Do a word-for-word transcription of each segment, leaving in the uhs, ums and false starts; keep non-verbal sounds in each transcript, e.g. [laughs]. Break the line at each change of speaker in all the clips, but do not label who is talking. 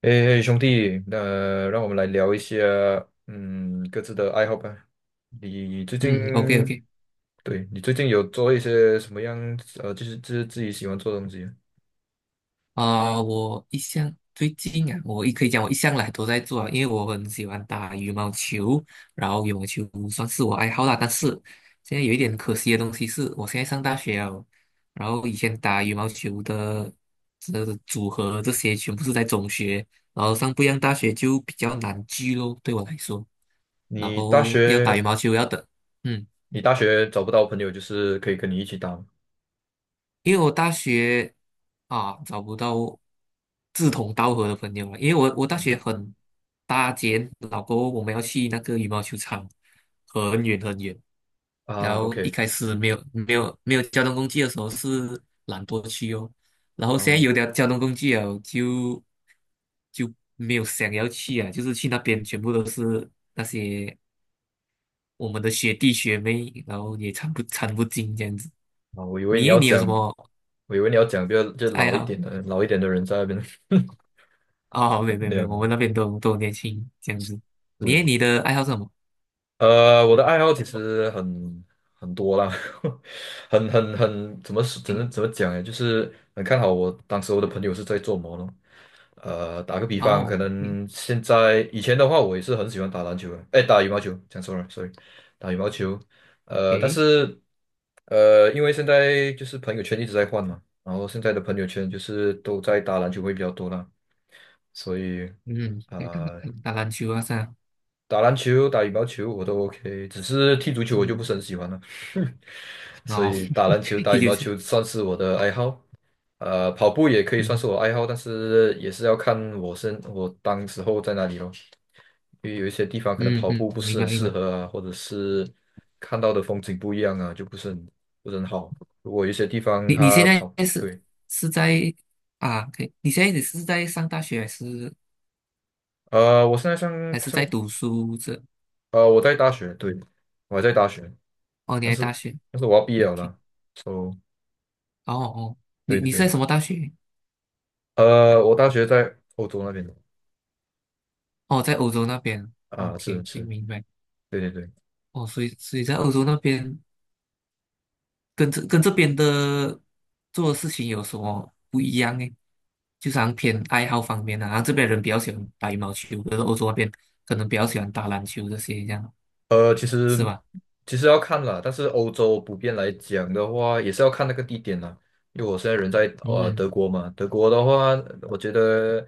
诶，兄弟，那、让我们来聊一下，嗯，各自的爱好吧。你最
嗯，OK
近，
OK，
对，你最近有做一些什么样，呃，就是就是自己喜欢做的东西啊。
啊、我一向最近啊，我也可以讲我一向来都在做啊，因为我很喜欢打羽毛球，然后羽毛球算是我爱好啦。但是现在有一点可惜的东西是，我现在上大学了，然后以前打羽毛球的这组合这些全部是在中学，然后上不一样大学就比较难聚咯，对我来说，然
你大
后要打
学，
羽毛球要等，嗯。
你大学找不到朋友，就是可以跟你一起打吗？
因为我大学啊找不到志同道合的朋友了，因为我我大
嗯
学很搭肩，老后我们要去那个羽毛球场，很远很远。
啊
然后一
，OK，
开始没有没有没有交通工具的时候是懒惰去哦，然后现在
啊
有点交通工具了，就就没有想要去啊，就是去那边全部都是那些我们的学弟学妹，然后也参不参不进这样子。
啊，我以为
你
你
耶
要
你有什
讲，
么
我以为你要讲比较就
爱
老一
好？
点的，老一点的人在那边。[laughs]
哦，没有没有
没
没
有
有，
没
我们
有，
那边都都年轻这样子。你诶
是，
你的爱好是什么？
呃，我的爱好其实很很多啦。[laughs] 很很很怎么说怎
诶，
么怎么讲呢？就是很看好我当时我的朋友是在做什咯。呃，打个比方，可
哦，诶
能现在以前的话，我也是很喜欢打篮球的，哎，打羽毛球，讲错了，sorry，打羽毛球。呃，但
诶，
是呃，因为现在就是朋友圈一直在换嘛，然后现在的朋友圈就是都在打篮球会比较多啦，所以。
嗯，诶打打
呃。
打篮球啊，是啊，
打篮球、打羽毛球我都 OK，只是踢足球我就不
嗯，
是很喜欢了。[laughs] 所
哦，
以打篮球、
[laughs]
打
踢
羽
球
毛
是，
球算是我的爱好。呃，跑步也可以算是
嗯
我爱好，但是也是要看我身我当时候在哪里咯，因为有一些地方可能
嗯
跑步
嗯，
不
明
是
白
很
明
适
白。
合啊，或者是看到的风景不一样啊，就不是很不是很好。如果有一些地方
你你现
他
在
跑，
是
对，
是在啊？可以，你现在你是在上大学还是
呃，我现在上
还是
上
在读书这？
呃我在大学，对，我还在大学，
哦，你
但
在
是
大学
但是我要毕业
，OK
了
k
啦，so。
哦哦，
对
你
对
你是在
对，
什么大学？
呃，我大学在欧洲那边的
哦，在欧洲那边
啊，
，OK
是
OK，
是，
明白。
对对对。
哦，所以所以在欧洲那边。跟这跟这边的做的事情有什么不一样呢？就是好像偏爱好方面啊，然后这边人比较喜欢打羽毛球，可是欧洲那边可能比较喜欢打篮球这些，这样
呃，其
是
实
吧？
其实要看啦，但是欧洲普遍来讲的话，也是要看那个地点啦。因为我现在人在呃
嗯
德国嘛，德国的话，我觉得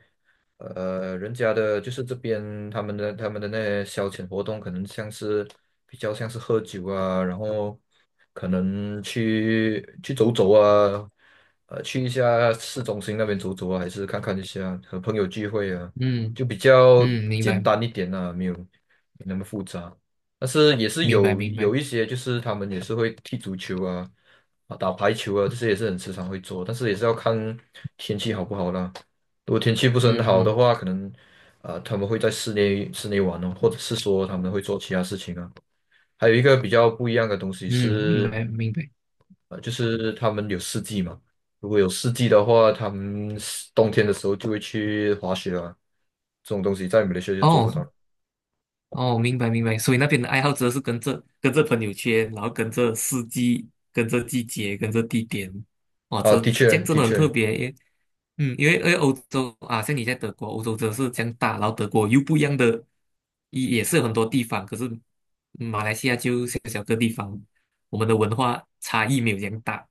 呃，人家的就是这边他们的他们的那些消遣活动，可能像是比较像是喝酒啊，然后可能去去走走啊，呃，去一下市中心那边走走啊，还是看看一下和朋友聚会啊，
嗯
就比较
嗯，明
简
白
单一点啊，没有没那么复杂。但是也是
明白
有
明白，
有一些，就是他们也是会踢足球啊，啊打排球啊，这些也是很时常会做，但是也是要看天气好不好啦。如果天气不是很
嗯
好的
嗯
话，可能啊、呃他们会在室内室内玩哦，或者是说他们会做其他事情啊。还有一个比较不一样的东西
嗯，明
是，
白明白。
呃，就是他们有四季嘛。如果有四季的话，他们是冬天的时候就会去滑雪啊，这种东西在马来西亚就做不到。
哦哦，明白明白。所以那边的爱好者是跟着跟着朋友圈，然后跟着四季，跟着季节，跟着地点。哇，
啊，
这
的
这样
确，
真
的
的很特
确，
别耶。嗯，因为因为欧洲啊，像你在德国，欧洲真的是这样大，然后德国又不一样的，也也是有很多地方，可是马来西亚就小小个地方，我们的文化差异没有这样大。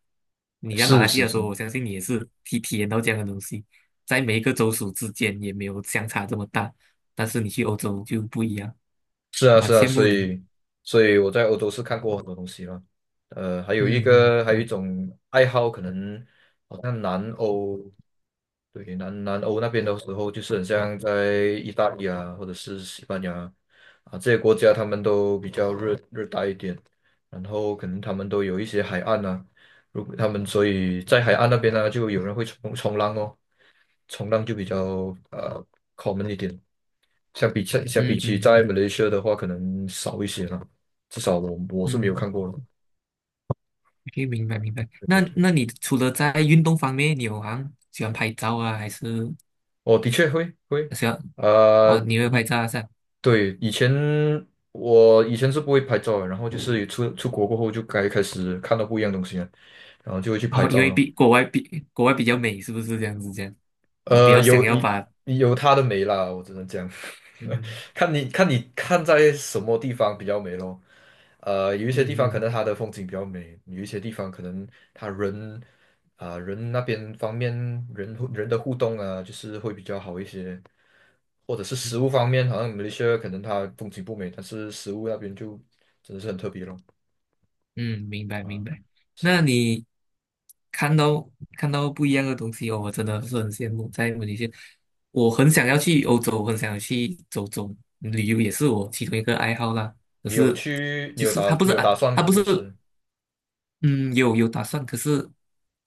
你在马来
是
西
是
亚的时候，
是，
我相信你也是体体验到这样的东西，在每一个州属之间也没有相差这么大，但是你去欧洲就不一样，
是啊，
蛮
是啊，
羡
所
慕你。
以，所以我在欧洲是看过很多东西了。呃，还有一
嗯
个，还
嗯
有一
啊
种爱好，可能好像南欧。对，南南欧那边的时候，就是很像在意大利啊，或者是西班牙啊这些国家，他们都比较热热带一点，然后可能他们都有一些海岸啊，如果他们所以在海岸那边呢、就有人会冲冲浪哦。冲浪就比较呃 common 一点。相比相相
嗯
比起
嗯嗯
在
明
马来西亚的话，可能少一些啦。至少我我是没有
嗯
看过了。
可以明白明白。
对对
那
对，
那你除了在运动方面，你有好像喜欢拍照啊，还是
哦，的确会会，
喜欢
啊，
哦？你会拍
以
照啊是吧？
对，以前我以前是不会拍照的，然后就是出出国过后就该开始看到不一样的东西了，然后就会去
[laughs]
拍
哦，因
照
为
了。
比国外比国外比较美，是不是这样子？这样，我比
呃，
较想
有
要把
有它的美啦，我只能讲。[laughs]
嗯
看你看你看在什么地方比较美咯。呃，有一些
嗯
地方可
嗯
能它的风景比较美，有一些地方可能它人啊、人那边方面人互人的互动啊，就是会比较好一些，或者是食
嗯，
物方面，好像马来西亚可能它风景不美，但是食物那边就真的是很特别咯。
嗯明白明
啊、
白。
是咯，
那你看到看到不一样的东西哦，我真的是很羡慕。在马来西亚我很想要去欧洲，我很想要去走走，旅游也是我其中一个爱好啦。可
你有
是
去，你
就
有
是
打，
他不
你
是
有打
啊，
算
他
吗？
不
还
是。
是？
嗯，有有打算，可是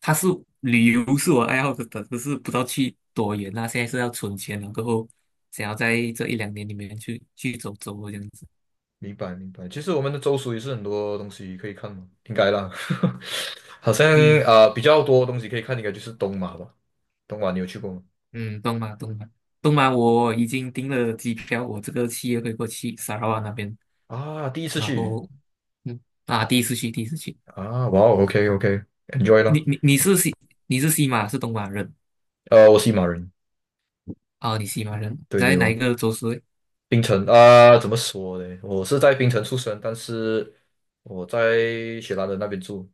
他是旅游是我爱好的，可是不知道去多远啊。现在是要存钱了，过后想要在这一两年里面去去走走这样子。
明白明白。其实我们的州属也是很多东西可以看嘛，应该啦。[laughs] 好像
嗯
啊、呃比较多东西可以看，应该就是东马吧。东马你有去过吗？
嗯，东马东马东马，我已经订了机票，我这个七月会过去砂拉越那边，
啊，第一次
然
去
后嗯啊，第一次去第一次去。
啊，哇 o k OK，enjoy
你
啦。
你你是西你是西马是东马人
呃，我是马人，
啊、你西马人
对对，
在哪一
我
个州市？
槟城啊、怎么说呢？我是在槟城出生，但是我在雪兰莪那边住。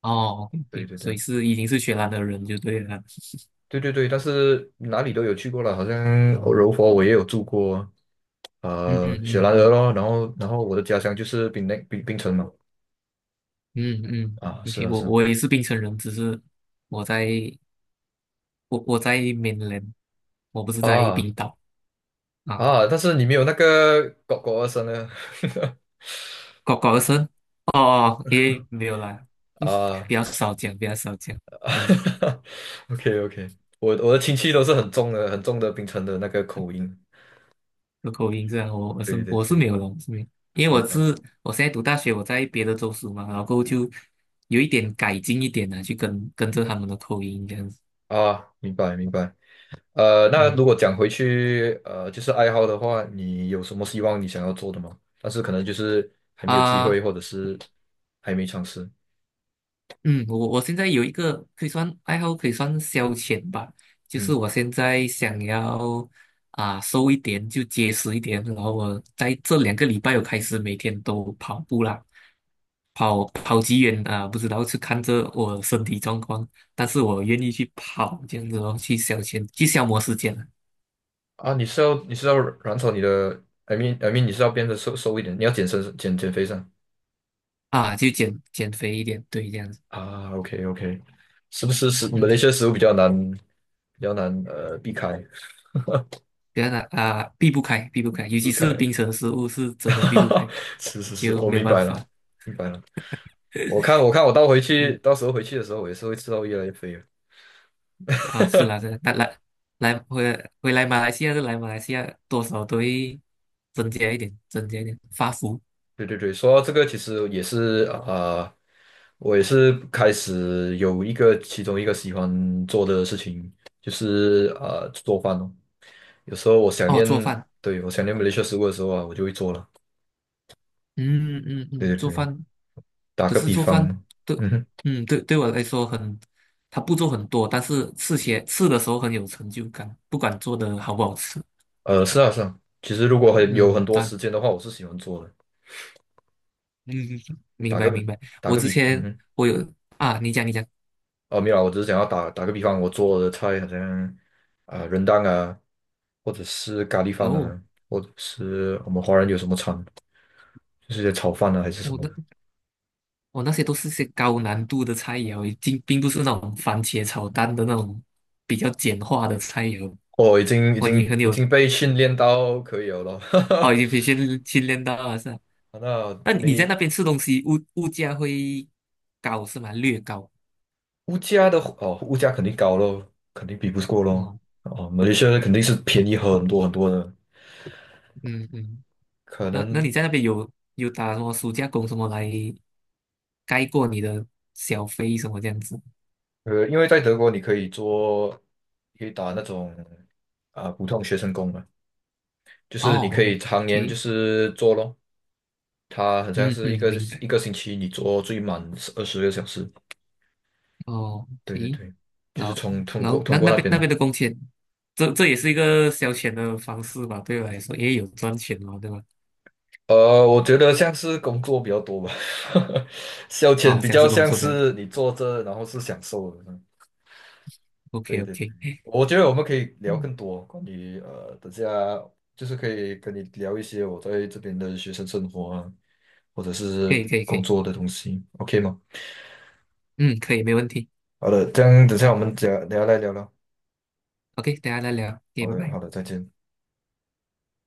哦
对
，OK，
对
所以
对。
是已经是雪兰的人就对了。
对对对，但是哪里都有去过了，好像柔佛我也有住过，
嗯
呃，
嗯
雪
嗯
兰莪
嗯。
咯，然后然后我的家乡就是槟榔槟槟城嘛。
嗯嗯
啊，是
，OK，
啊
我
是
我也是槟城人，只是我在我我在 mainland，我不是
啊，
在
啊
冰岛啊。
啊，但是你没有那个狗狗的声呢。
搞搞的声哦，哦，诶，没有
[laughs]
啦，[laughs] 比
啊
较少讲，比较少讲，这样子
[laughs]，OK OK，我我的亲戚都是很重的很重的槟城的那个口音，
有口音这样，我我
对
是
对
我是
对，
没有的，我是没有，因为
明
我
白
是我现在读大学，我在别的州属嘛，然后过后就有一点改进一点呢、去跟跟着他们的口音这样子，
啊，明白明白。呃，那如
嗯
果讲回去，呃，就是爱好的话，你有什么希望你想要做的吗？但是可能就是还没有机会，
啊。
或者是还没尝试。
嗯，我我现在有一个可以算爱好，可以算消遣吧，就是
嗯
我现在想要啊瘦一点，就结实一点，然后我在这两个礼拜我开始每天都跑步啦，跑跑几远啊，不知道是看着我身体状况，但是我愿意去跑这样子哦，去消遣，去消磨时间
啊，你是要你是要软草你的，I mean I mean 你是要变得瘦瘦一点，你要减身减减肥上
啊，就减减肥一点，对，这样子，
啊？OK OK，是不是食马来
嗯，
西亚食物比较难比较难呃避开
这样的啊，避不开，避不开，尤其
避开？
是冰城食物是真的避不
[laughs]
开，
是是是，
就
我
没有
明
办
白了
法。
明白了。我看我看我到回去
嗯。
到时候回去的时候，我也是会吃到越来越肥的。
啊，是啦，
[laughs]
是啦，但来来回回来马来西亚就来马来西亚，多少都会增加一点，增加一点发福
对对对，说到这个，其实也是啊、呃我也是开始有一个其中一个喜欢做的事情，就是啊呃做饭哦。有时候我想
哦，
念，
做饭，
对，我想念马来西亚食物的时候啊，我就会做了。
嗯嗯嗯，
对对
做
对，
饭，
打
可
个
是
比
做饭
方，
对，
嗯哼，
嗯对对我来说很，它步骤很多，但是吃起来吃的时候很有成就感，不管做的好不好吃，
呃，是啊是啊，其实如果很有
嗯，
很多
但
时间的话，我是喜欢做的。
嗯嗯嗯明
打
白
个
明白，
打
我
个
之
比，嗯
前
哼，
我有啊，你讲你讲，
哦没有啊我只是想要打打个比方，我做的菜好像啊、呃、r 啊。或者是咖喱饭
哦，
啊，或者是我们华人有什么餐，就是一些炒饭啊还是什
我
么
那
的。
哦，那些都是些高难度的菜肴，并并不是那种番茄炒蛋的那种比较简化的菜肴。
哦，已经已
哦，
经
你很
已
有
经被训练到可以了咯。[laughs] 哈
哦，
哈。
已经培训训练到了是吧？
那
那你在那
你
边吃东西，物物价会高是吗？略高
物价的哦，物价肯定高咯，肯定比不过咯。
哦，
哦，马来西亚肯定是便宜很多很多的。
嗯嗯。
可
那那
能
你在那边有有打什么暑假工什么来盖过你的小费什么这样子？
呃，因为在德国你可以做，可以打那种啊、普通学生工嘛，就是你可
哦
以常年就
，OK，
是做咯，他好像
嗯
是一
嗯，
个
明白。
一个星期你做最满二十个小时，
哦
对对
，OK。
对，就
然
是
后
从通
然
过
后那
通过
那
那
边
边
那边
咯。
的工钱，这这也是一个消遣的方式吧，对我来说，也有赚钱嘛，对吧？
呃，我觉得像是工作比较多吧。[laughs] 消遣
啊、
比
像
较
是工
像
作多。
是你坐着，然后是享受的。嗯
OK
对对
OK，
对，我觉得我们可以聊
嗯，
更多关于呃，等下就是可以跟你聊一些我在这边的学生生活啊，或者
[laughs] 可
是
以可以可
工
以，
作的东西，OK 吗？
嗯，可以没问题，
好的，这样等下我
来
们聊聊来聊聊。
，OK，等一下再聊，OK，
好
拜
的，好的，
拜。
再见。